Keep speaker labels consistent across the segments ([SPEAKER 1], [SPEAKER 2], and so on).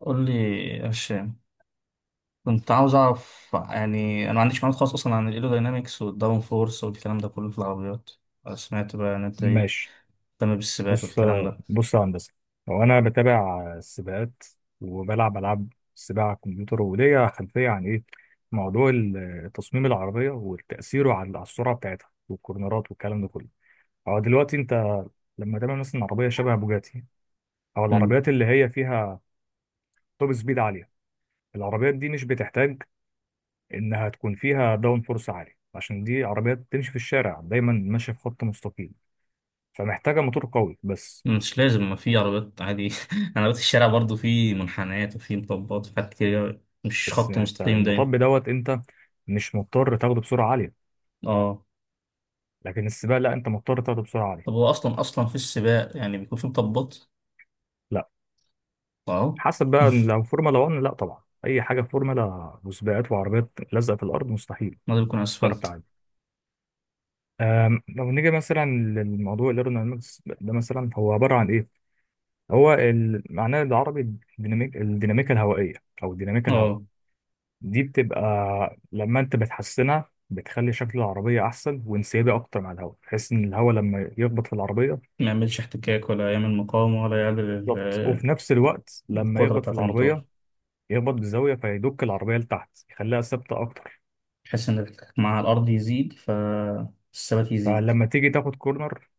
[SPEAKER 1] قول لي يا هشام، كنت عاوز اعرف. يعني انا ما عنديش معلومات خالص اصلا عن الايروداينامكس والداون فورس والكلام ده كله في العربيات. سمعت بقى ان انت ايه،
[SPEAKER 2] ماشي.
[SPEAKER 1] مهتم بالسباقات
[SPEAKER 2] بص،
[SPEAKER 1] والكلام ده.
[SPEAKER 2] بص يا هندسة. هو أنا بتابع السباقات وبلعب ألعاب السباق على الكمبيوتر، وليا خلفية عن إيه موضوع تصميم العربية وتأثيره على السرعة بتاعتها والكورنرات والكلام ده كله. هو دلوقتي أنت لما تعمل مثلا عربية شبه بوجاتي، أو
[SPEAKER 1] مم.
[SPEAKER 2] العربيات اللي هي فيها توب سبيد عالية، العربيات دي مش بتحتاج إنها تكون فيها داون فورس عالي، عشان دي عربيات بتمشي في الشارع دايما ماشية في خط مستقيم، فمحتاجة موتور قوي بس.
[SPEAKER 1] مش لازم، ما في عربيات عادي عربيات الشارع برضو في منحنيات وفي مطبات وفي حاجات كتير، مش
[SPEAKER 2] بس
[SPEAKER 1] خط
[SPEAKER 2] يعني انت
[SPEAKER 1] مستقيم دايما.
[SPEAKER 2] المطب دوت، انت مش مضطر تاخده بسرعه عاليه.
[SPEAKER 1] اه.
[SPEAKER 2] لكن السباق لا، انت مضطر تاخده بسرعه عاليه.
[SPEAKER 1] طب هو اصلا في السباق يعني بيكون في مطبات؟
[SPEAKER 2] لا
[SPEAKER 1] اه.
[SPEAKER 2] حسب بقى، لو فورمولا 1 لا طبعا، اي حاجه في فورمولا وسباقات وعربيات لازقه في الارض مستحيل
[SPEAKER 1] ما ده بيكون
[SPEAKER 2] تعرف
[SPEAKER 1] اسفلت.
[SPEAKER 2] تعدي. لو نيجي مثلا للموضوع الايرودينامكس ده، مثلا هو عباره عن ايه؟ هو معناه العربي الديناميكا الهوائيه، او الديناميكا الهواء.
[SPEAKER 1] اه،
[SPEAKER 2] دي بتبقى لما انت بتحسنها بتخلي شكل العربيه احسن وانسيابي اكتر مع الهواء، بحيث ان الهواء لما يخبط في العربيه
[SPEAKER 1] ما يعملش احتكاك ولا يعمل مقاومة ولا يعمل
[SPEAKER 2] بالظبط، وفي نفس الوقت لما
[SPEAKER 1] القدرة
[SPEAKER 2] يخبط في
[SPEAKER 1] بتاعة
[SPEAKER 2] العربية
[SPEAKER 1] الموتور،
[SPEAKER 2] يخبط بزاوية فيدك العربية لتحت يخليها ثابتة أكتر.
[SPEAKER 1] بحيث ان الاحتكاك مع الارض يزيد فالثبات يزيد.
[SPEAKER 2] فلما تيجي تاخد كورنر،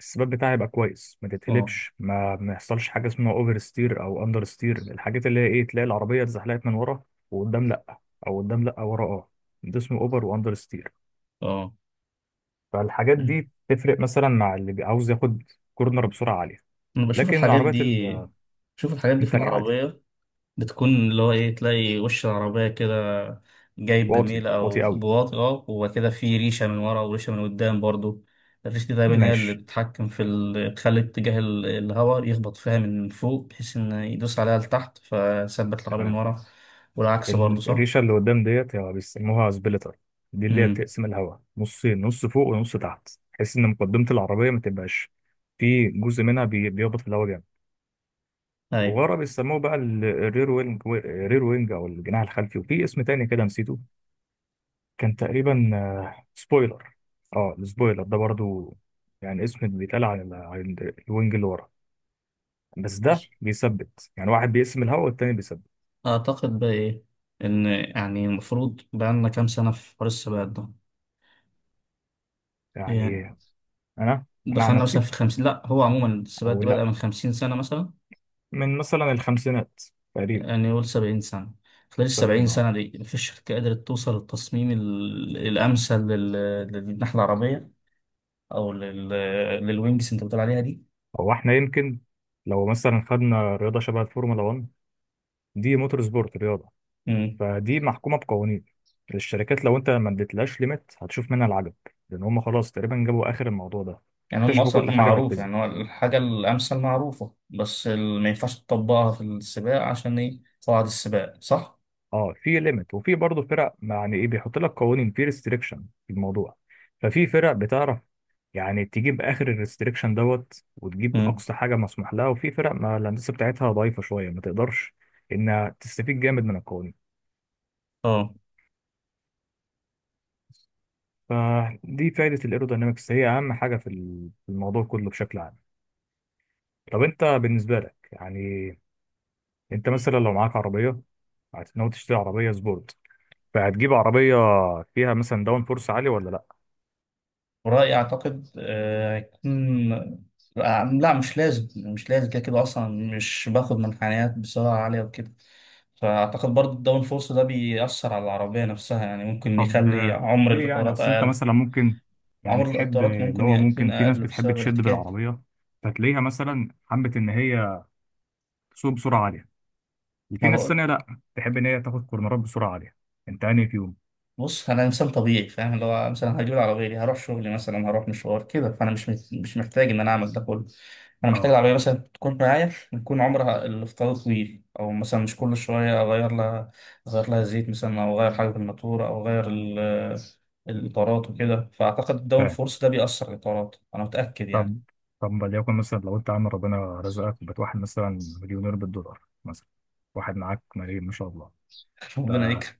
[SPEAKER 2] الثبات بتاعها يبقى كويس، ما
[SPEAKER 1] اه،
[SPEAKER 2] تتقلبش، ما يحصلش حاجة اسمها أوفر ستير أو أندر ستير. الحاجات اللي هي إيه، تلاقي العربية اتزحلقت من ورا وقدام لأ، أو قدام لأ ورا أه، ده اسمه أوفر وأندر ستير.
[SPEAKER 1] اه.
[SPEAKER 2] فالحاجات دي تفرق مثلا مع اللي عاوز ياخد كورنر بسرعة عالية.
[SPEAKER 1] انا بشوف
[SPEAKER 2] لكن
[SPEAKER 1] الحاجات
[SPEAKER 2] العربيات
[SPEAKER 1] دي، في
[SPEAKER 2] التانية عادي.
[SPEAKER 1] العربية. بتكون اللي هو ايه، تلاقي وش العربية كده جايب
[SPEAKER 2] واطي
[SPEAKER 1] بميل
[SPEAKER 2] واطي
[SPEAKER 1] او
[SPEAKER 2] قوي.
[SPEAKER 1] بواطي وكده، في ريشة من ورا وريشة من قدام برضو. الريشة دي دايما هي اللي
[SPEAKER 2] ماشي.
[SPEAKER 1] بتتحكم في تخلي اتجاه الهواء يخبط فيها من فوق، بحيث ان يدوس عليها لتحت فثبت العربية من ورا. والعكس برضو صح؟
[SPEAKER 2] الريشه اللي قدام ديت يعني بيسموها سبليتر، دي اللي هي
[SPEAKER 1] امم،
[SPEAKER 2] بتقسم الهواء نصين، نص فوق ونص تحت، بحيث ان مقدمه العربيه ما تبقاش في جزء منها بيهبط في الهواء جامد.
[SPEAKER 1] ايوه.
[SPEAKER 2] وورا بيسموه بقى الرير وينج، او الجناح الخلفي. وفي اسم تاني كده نسيته، كان تقريبا سبويلر. اه، السبويلر ده برضو يعني اسم بيتقال الوينج اللي ورا، بس ده بيثبت. يعني واحد بيقسم الهواء والتاني بيثبت.
[SPEAKER 1] أعتقد بقى إيه، إن يعني المفروض بقالنا كام سنة في حوار السباقات ده.
[SPEAKER 2] يعني
[SPEAKER 1] يعني
[SPEAKER 2] انا انا عن
[SPEAKER 1] دخلنا
[SPEAKER 2] نفسي،
[SPEAKER 1] مثلا في خمسين، لأ هو عموما السباقات
[SPEAKER 2] او
[SPEAKER 1] دي بدأ
[SPEAKER 2] لا،
[SPEAKER 1] من خمسين سنة مثلا.
[SPEAKER 2] من مثلا الخمسينات تقريبا.
[SPEAKER 1] يعني نقول سبعين سنة. خلال السبعين
[SPEAKER 2] السبعين، اه.
[SPEAKER 1] سنة دي مفيش شركة قدرت توصل للتصميم الأمثل للناحية العربية، أو للوينجز أنت بتقول عليها دي.
[SPEAKER 2] هو احنا يمكن لو مثلا خدنا رياضة شبه الفورمولا 1، دي موتور سبورت، رياضة،
[SPEAKER 1] مم.
[SPEAKER 2] فدي محكومة بقوانين. الشركات لو انت ما اديتلهاش ليميت هتشوف منها العجب، لان هم خلاص تقريبا جابوا اخر الموضوع ده،
[SPEAKER 1] يعني هم
[SPEAKER 2] اكتشفوا
[SPEAKER 1] أصلا
[SPEAKER 2] كل حاجة في
[SPEAKER 1] معروف،
[SPEAKER 2] الفيزياء.
[SPEAKER 1] يعني هو الحاجة الأمثل معروفة، بس ما ينفعش تطبقها في السباق عشان إيه، قواعد السباق صح؟
[SPEAKER 2] اه، في ليميت وفي برضه فرق، يعني ايه، بيحط لك قوانين، في ريستريكشن في الموضوع. ففي فرق، بتعرف يعني تجيب اخر الريستريكشن دوت وتجيب
[SPEAKER 1] مم.
[SPEAKER 2] اقصى حاجه مسموح لها، وفي فرق ما الهندسه بتاعتها ضعيفه شويه، ما تقدرش انها تستفيد جامد من القوانين.
[SPEAKER 1] اه.
[SPEAKER 2] فدي فائده الايروداينامكس، هي اهم حاجه في الموضوع كله بشكل عام. طب انت بالنسبه لك يعني، انت مثلا لو معاك عربيه هتنوي تشتري عربيه سبورت، فهتجيب عربيه فيها مثلا داون فورس عالي ولا لا؟
[SPEAKER 1] ورأيي أعتقد هيكون لا، مش لازم كده كده أصلا. مش باخد منحنيات بسرعة عالية وكده. فأعتقد برضه الداون فورس ده بيأثر على العربية نفسها، يعني ممكن
[SPEAKER 2] طب
[SPEAKER 1] يخلي عمر
[SPEAKER 2] ليه يعني؟
[SPEAKER 1] الإطارات
[SPEAKER 2] اصل انت
[SPEAKER 1] أقل.
[SPEAKER 2] مثلا ممكن يعني
[SPEAKER 1] عمر
[SPEAKER 2] تحب
[SPEAKER 1] الإطارات
[SPEAKER 2] اللي
[SPEAKER 1] ممكن
[SPEAKER 2] هو
[SPEAKER 1] يكون
[SPEAKER 2] ممكن، في ناس
[SPEAKER 1] أقل
[SPEAKER 2] بتحب
[SPEAKER 1] بسبب
[SPEAKER 2] تشد
[SPEAKER 1] الاحتكاك.
[SPEAKER 2] بالعربيه، فتلاقيها مثلا حبت ان هي تسوق بسرعه عاليه، وفي ناس
[SPEAKER 1] ما
[SPEAKER 2] ثانيه لا، تحب ان هي تاخد كورنرات بسرعه عاليه. انت انهي فيهم؟
[SPEAKER 1] بص، انا انسان طبيعي فاهم اللي هو مثلا هجيب العربيه دي، هروح شغلي مثلا، هروح مشوار كده، فانا مش محتاج ان انا اعمل ده كله. انا محتاج
[SPEAKER 2] اه،
[SPEAKER 1] العربيه مثلا تكون معايا، يكون عمرها الافتراضي طويل، او مثلا مش كل شويه اغير لها، زيت مثلا، او اغير حاجه في الماتوره، او اغير الاطارات وكده. فاعتقد الداون
[SPEAKER 2] فاهم.
[SPEAKER 1] فورس ده بيأثر على الاطارات انا متاكد يعني.
[SPEAKER 2] طب، وليكن مثلا لو انت عامل ربنا رزقك وبقيت واحد مثلا مليونير بالدولار مثلا، واحد معاك ملايين ما شاء الله. ف...
[SPEAKER 1] ربنا يكرم.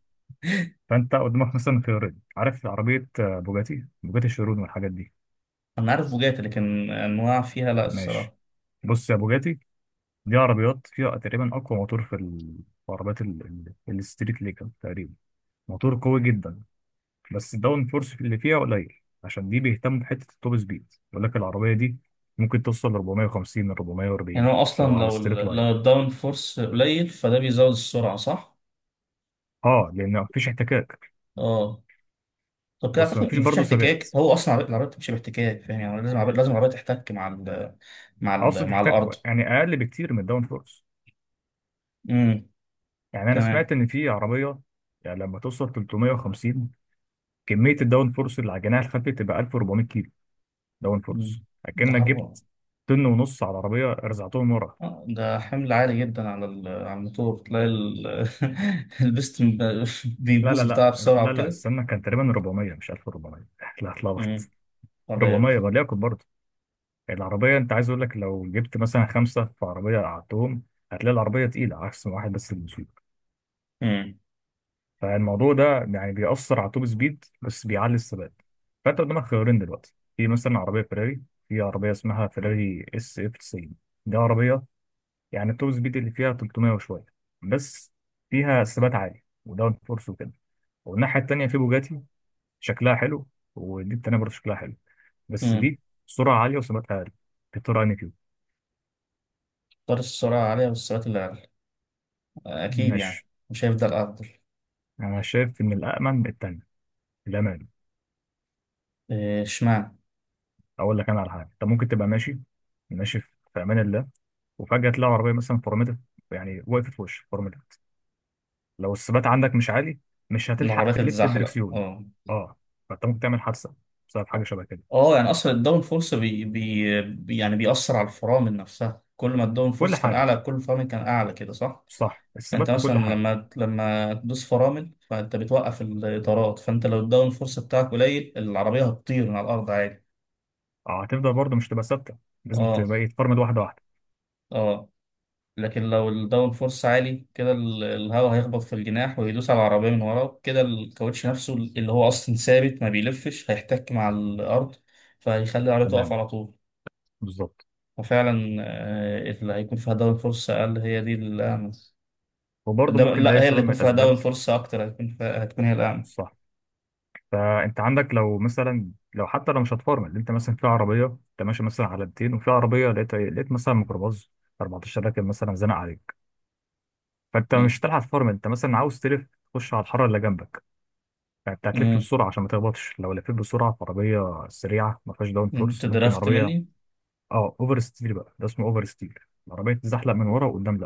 [SPEAKER 2] فانت قدامك مثلا خيارين، عارف عربيه بوجاتي، بوجاتي الشيرون والحاجات دي.
[SPEAKER 1] انا عارف بوجاتي لكن انواع فيها لا
[SPEAKER 2] ماشي.
[SPEAKER 1] الصراحه.
[SPEAKER 2] بص يا بوجاتي، دي عربيات فيها تقريبا أقوى موتور في عربيات الستريت ليجل تقريبا، موتور قوي جدا، بس الداون فورس اللي فيها قليل، عشان دي بيهتم بحتة التوب سبيد. يقول لك العربية دي ممكن توصل ل 450 ل
[SPEAKER 1] يعني
[SPEAKER 2] 440،
[SPEAKER 1] هو
[SPEAKER 2] لو
[SPEAKER 1] اصلا
[SPEAKER 2] على
[SPEAKER 1] لو
[SPEAKER 2] ستريت
[SPEAKER 1] ال-
[SPEAKER 2] لاين،
[SPEAKER 1] لو الداون فورس قليل فده بيزود السرعه صح.
[SPEAKER 2] اه، لأن مفيش احتكاك.
[SPEAKER 1] اه. طب كده
[SPEAKER 2] بص،
[SPEAKER 1] اعتقد
[SPEAKER 2] مفيش
[SPEAKER 1] مفيش
[SPEAKER 2] برضه ثبات.
[SPEAKER 1] احتكاك، هو اصلا العربية بتمشي باحتكاك، فاهم يعني لازم العربيه تحتك
[SPEAKER 2] أقصد
[SPEAKER 1] مع
[SPEAKER 2] احتكاك
[SPEAKER 1] الارض.
[SPEAKER 2] يعني أقل بكتير من الداون فورس.
[SPEAKER 1] امم،
[SPEAKER 2] يعني أنا سمعت
[SPEAKER 1] تمام.
[SPEAKER 2] إن في عربية يعني لما توصل 350 كمية الداون فورس اللي على الجناح الخلفي تبقى 1400 كيلو. داون
[SPEAKER 1] مم.
[SPEAKER 2] فورس،
[SPEAKER 1] ده
[SPEAKER 2] اكنك
[SPEAKER 1] حرب.
[SPEAKER 2] جبت طن ونص على العربيه رزعتهم ورا.
[SPEAKER 1] ده حمل عالي جدا على على الموتور، تلاقي البستم
[SPEAKER 2] لا لا
[SPEAKER 1] بيبوظ
[SPEAKER 2] لا
[SPEAKER 1] بتاعها بسرعه
[SPEAKER 2] لا لا،
[SPEAKER 1] وكده.
[SPEAKER 2] استنى، كان تقريبا 400 مش 1400 لا،
[SPEAKER 1] امم،
[SPEAKER 2] اتلخبط.
[SPEAKER 1] طيب.
[SPEAKER 2] 400 وليكن برضه، العربيه، انت عايز اقول لك لو جبت مثلا خمسه في عربيه قعدتهم، هتلاقي العربيه تقيله عكس ما واحد بس اللي بيسوق.
[SPEAKER 1] امم،
[SPEAKER 2] فالموضوع ده يعني بيأثر على التوب سبيد بس بيعلي الثبات. فانت قدامك خيارين دلوقتي، في مثلا عربيه فيراري، في عربيه اسمها فيراري اس اف 90، دي عربيه يعني التوب سبيد اللي فيها 300 وشويه بس، فيها ثبات عالي وداون فورس وكده. والناحيه التانيه في بوجاتي، شكلها حلو، ودي التانيه برضه شكلها حلو، بس
[SPEAKER 1] امم.
[SPEAKER 2] دي سرعه عاليه وثباتها عالي في طور اني كيو.
[SPEAKER 1] طار السرعه عاليه والسرعات اللي عالية. اكيد يعني
[SPEAKER 2] ماشي.
[SPEAKER 1] مش هيفضل افضل.
[SPEAKER 2] انا شايف ان التانيه الامان.
[SPEAKER 1] إيه، اشمعنى.
[SPEAKER 2] اقول لك انا على حاجه، انت ممكن تبقى ماشي، ماشي في امان الله، وفجاه تلاقي عربيه مثلا فرمتت، يعني وقفت في وشك فرمتت، لو الثبات عندك مش عالي مش هتلحق
[SPEAKER 1] العربية
[SPEAKER 2] تلف
[SPEAKER 1] تتزحلق،
[SPEAKER 2] الدركسيون.
[SPEAKER 1] اه.
[SPEAKER 2] اه، فانت ممكن تعمل حادثه بسبب حاجه شبه كده.
[SPEAKER 1] اه، يعني اصلا الداون فورس يعني بيأثر على الفرامل نفسها. كل ما الداون
[SPEAKER 2] كل
[SPEAKER 1] فورس كان
[SPEAKER 2] حاجه،
[SPEAKER 1] اعلى كل الفرامل كان اعلى كده صح.
[SPEAKER 2] صح،
[SPEAKER 1] انت
[SPEAKER 2] الثبات في
[SPEAKER 1] مثلا
[SPEAKER 2] كل حاجه.
[SPEAKER 1] لما تدوس فرامل فانت بتوقف الاطارات، فانت لو الداون فورس بتاعك قليل العربيه هتطير من على الارض عادي.
[SPEAKER 2] اه، هتفضل برضه مش تبقى ثابته، لازم
[SPEAKER 1] اه،
[SPEAKER 2] تبقى إيه، تفرمد واحده واحده.
[SPEAKER 1] اه. لكن لو الداون فورس عالي كده الهواء هيخبط في الجناح ويدوس على العربيه من ورا كده، الكاوتش نفسه اللي هو اصلا ثابت ما بيلفش هيحتك مع الارض، فهيخلي العربيه تقف
[SPEAKER 2] تمام،
[SPEAKER 1] على طول.
[SPEAKER 2] بالظبط.
[SPEAKER 1] وفعلا اللي هيكون فيها داون فرصة أقل هي دي الأعمى.
[SPEAKER 2] وبرضه
[SPEAKER 1] ده
[SPEAKER 2] ممكن
[SPEAKER 1] لا،
[SPEAKER 2] لاقي
[SPEAKER 1] هي
[SPEAKER 2] سبب
[SPEAKER 1] اللي
[SPEAKER 2] من
[SPEAKER 1] هيكون فيها
[SPEAKER 2] الاسباب.
[SPEAKER 1] داون فرصة أكتر هتكون هي الأعمى.
[SPEAKER 2] صح. فانت عندك لو مثلا، لو حتى لو مش هتفرمد، انت مثلا في عربيه، انت ماشي مثلا على 200، وفي عربيه لقيت إيه؟ لقيت مثلا ميكروباص 14 راكب مثلا زنق عليك، فانت مش
[SPEAKER 1] مم.
[SPEAKER 2] هتلحق تفرمد، انت مثلا عاوز تلف تخش على الحاره اللي جنبك، فانت هتلف
[SPEAKER 1] مم.
[SPEAKER 2] بسرعه عشان ما تخبطش. لو لفيت بسرعه في عربيه سريعه ما فيهاش داون
[SPEAKER 1] أنت
[SPEAKER 2] فورس، ممكن
[SPEAKER 1] درافت
[SPEAKER 2] عربيه،
[SPEAKER 1] مني.
[SPEAKER 2] اه، اوفر ستير بقى، ده اسمه اوفر ستير، العربيه تتزحلق من ورا وقدام.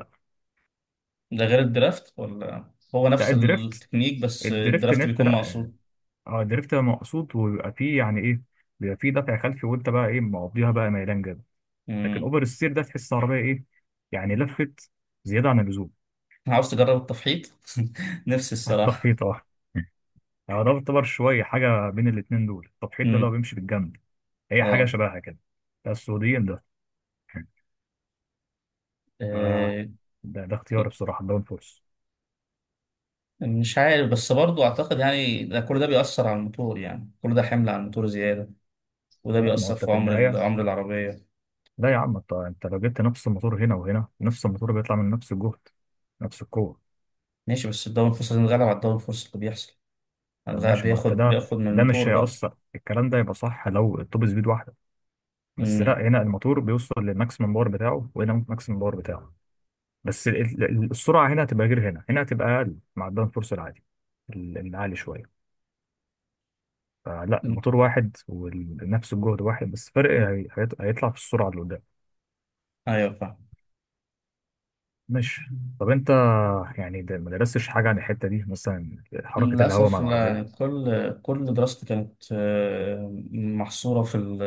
[SPEAKER 1] ده غير الدرافت ولا هو
[SPEAKER 2] لا
[SPEAKER 1] نفس
[SPEAKER 2] الدريفت،
[SPEAKER 1] التكنيك، بس
[SPEAKER 2] ان
[SPEAKER 1] الدرافت
[SPEAKER 2] انت
[SPEAKER 1] بيكون
[SPEAKER 2] لا،
[SPEAKER 1] مقصود.
[SPEAKER 2] اه، الدريفت بيبقى مقصود وبيبقى فيه يعني ايه، بيبقى فيه دفع خلفي، وانت بقى ايه مقضيها بقى ميلان جامد. لكن
[SPEAKER 1] مم.
[SPEAKER 2] اوفر السير ده تحس عربيه ايه، يعني لفت زياده عن اللزوم.
[SPEAKER 1] عاوز تجرب التفحيط. نفسي الصراحة.
[SPEAKER 2] التفحيط، اه. اه، ده يعتبر شويه حاجه بين الاتنين دول، التفحيط ده اللي هو
[SPEAKER 1] مم.
[SPEAKER 2] بيمشي بالجنب، هي حاجه
[SPEAKER 1] اه.
[SPEAKER 2] شبهها كده. ده السعوديين ده. آه.
[SPEAKER 1] آه.
[SPEAKER 2] ده، اختياري
[SPEAKER 1] كنت-
[SPEAKER 2] بصراحه، الداون فورس.
[SPEAKER 1] مش عارف بس برضو أعتقد يعني ده كل ده بيأثر على الموتور، يعني كل ده حمل على الموتور زيادة، وده
[SPEAKER 2] لا ما هو
[SPEAKER 1] بيأثر
[SPEAKER 2] انت
[SPEAKER 1] في
[SPEAKER 2] في
[SPEAKER 1] عمر
[SPEAKER 2] النهايه،
[SPEAKER 1] عمر العربية.
[SPEAKER 2] لا يا عم، انت لو جبت نفس الموتور هنا وهنا، نفس الموتور بيطلع من نفس الجهد، نفس القوه.
[SPEAKER 1] ماشي، بس الدوري الفرصة هنتغلب على الدوري الفرصة اللي بيحصل،
[SPEAKER 2] طب
[SPEAKER 1] هنتغلب
[SPEAKER 2] ماشي، ما انت
[SPEAKER 1] بياخد
[SPEAKER 2] ده،
[SPEAKER 1] بياخد من الموتور
[SPEAKER 2] مش
[SPEAKER 1] بقى.
[SPEAKER 2] هيأثر الكلام ده، يبقى صح لو التوب سبيد واحده بس.
[SPEAKER 1] امم.
[SPEAKER 2] لا، هنا الموتور بيوصل للماكسيمم باور بتاعه، وهنا الماكسيمم باور بتاعه، بس السرعه هنا هتبقى غير هنا، هنا هتبقى اقل مع الداون فورس العادي العالي شويه. فلا،
[SPEAKER 1] أمم.
[SPEAKER 2] الموتور واحد ونفس الجهد واحد، بس فرق هيطلع في السرعه اللي قدام.
[SPEAKER 1] ايوه فاهم.
[SPEAKER 2] ماشي. طب انت يعني ده ما درستش حاجه عن الحته دي، مثلا حركه الهواء مع
[SPEAKER 1] للأسف لا، يعني
[SPEAKER 2] العربيه.
[SPEAKER 1] كل دراستي كانت محصورة في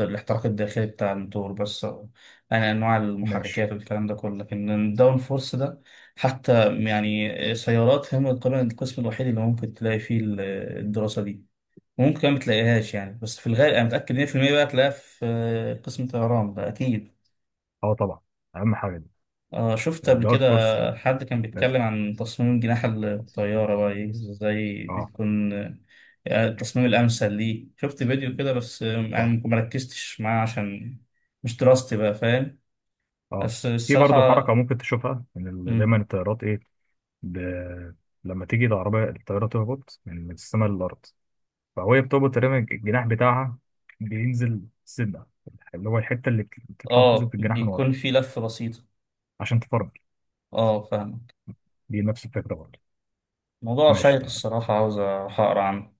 [SPEAKER 1] الاحتراق الداخلي بتاع الموتور بس يعني أنواع
[SPEAKER 2] ماشي.
[SPEAKER 1] المحركات والكلام ده كله، لكن الداون فورس ده حتى يعني سيارات هم تقريبا القسم الوحيد اللي ممكن تلاقي فيه الدراسة دي، وممكن ما تلاقيهاش يعني. بس في الغالب أنا متأكد 100% بقى تلاقيها في قسم طيران ده أكيد.
[SPEAKER 2] اه، طبعا، اهم حاجه دي
[SPEAKER 1] آه، شفت قبل
[SPEAKER 2] الداون
[SPEAKER 1] كده
[SPEAKER 2] فورس.
[SPEAKER 1] حد كان بيتكلم عن تصميم جناح الطيارة بقى إيه، إزاي
[SPEAKER 2] اه.
[SPEAKER 1] بيكون التصميم الأمثل. ليه شفت فيديو كده بس يعني ما ركزتش معاه عشان مش دراستي بقى، فاهم
[SPEAKER 2] اه،
[SPEAKER 1] بس
[SPEAKER 2] في برضه
[SPEAKER 1] الصراحة.
[SPEAKER 2] حركة ممكن تشوفها من
[SPEAKER 1] مم،
[SPEAKER 2] دايما الطيارات ايه، ب... لما تيجي الطيارة تهبط من السماء للأرض، فهي بتهبط تقريبا الجناح بتاعها بينزل سنة، اللي هو الحتة اللي بتطلع وتنزل
[SPEAKER 1] آه
[SPEAKER 2] في الجناح من ورا
[SPEAKER 1] بيكون في لفة بسيطة.
[SPEAKER 2] عشان تفرمل.
[SPEAKER 1] آه، فاهمك.
[SPEAKER 2] دي نفس الفكرة برضه.
[SPEAKER 1] موضوع
[SPEAKER 2] ماشي،
[SPEAKER 1] شيق
[SPEAKER 2] تمام.
[SPEAKER 1] الصراحة عاوز أروح أقرأ عنه.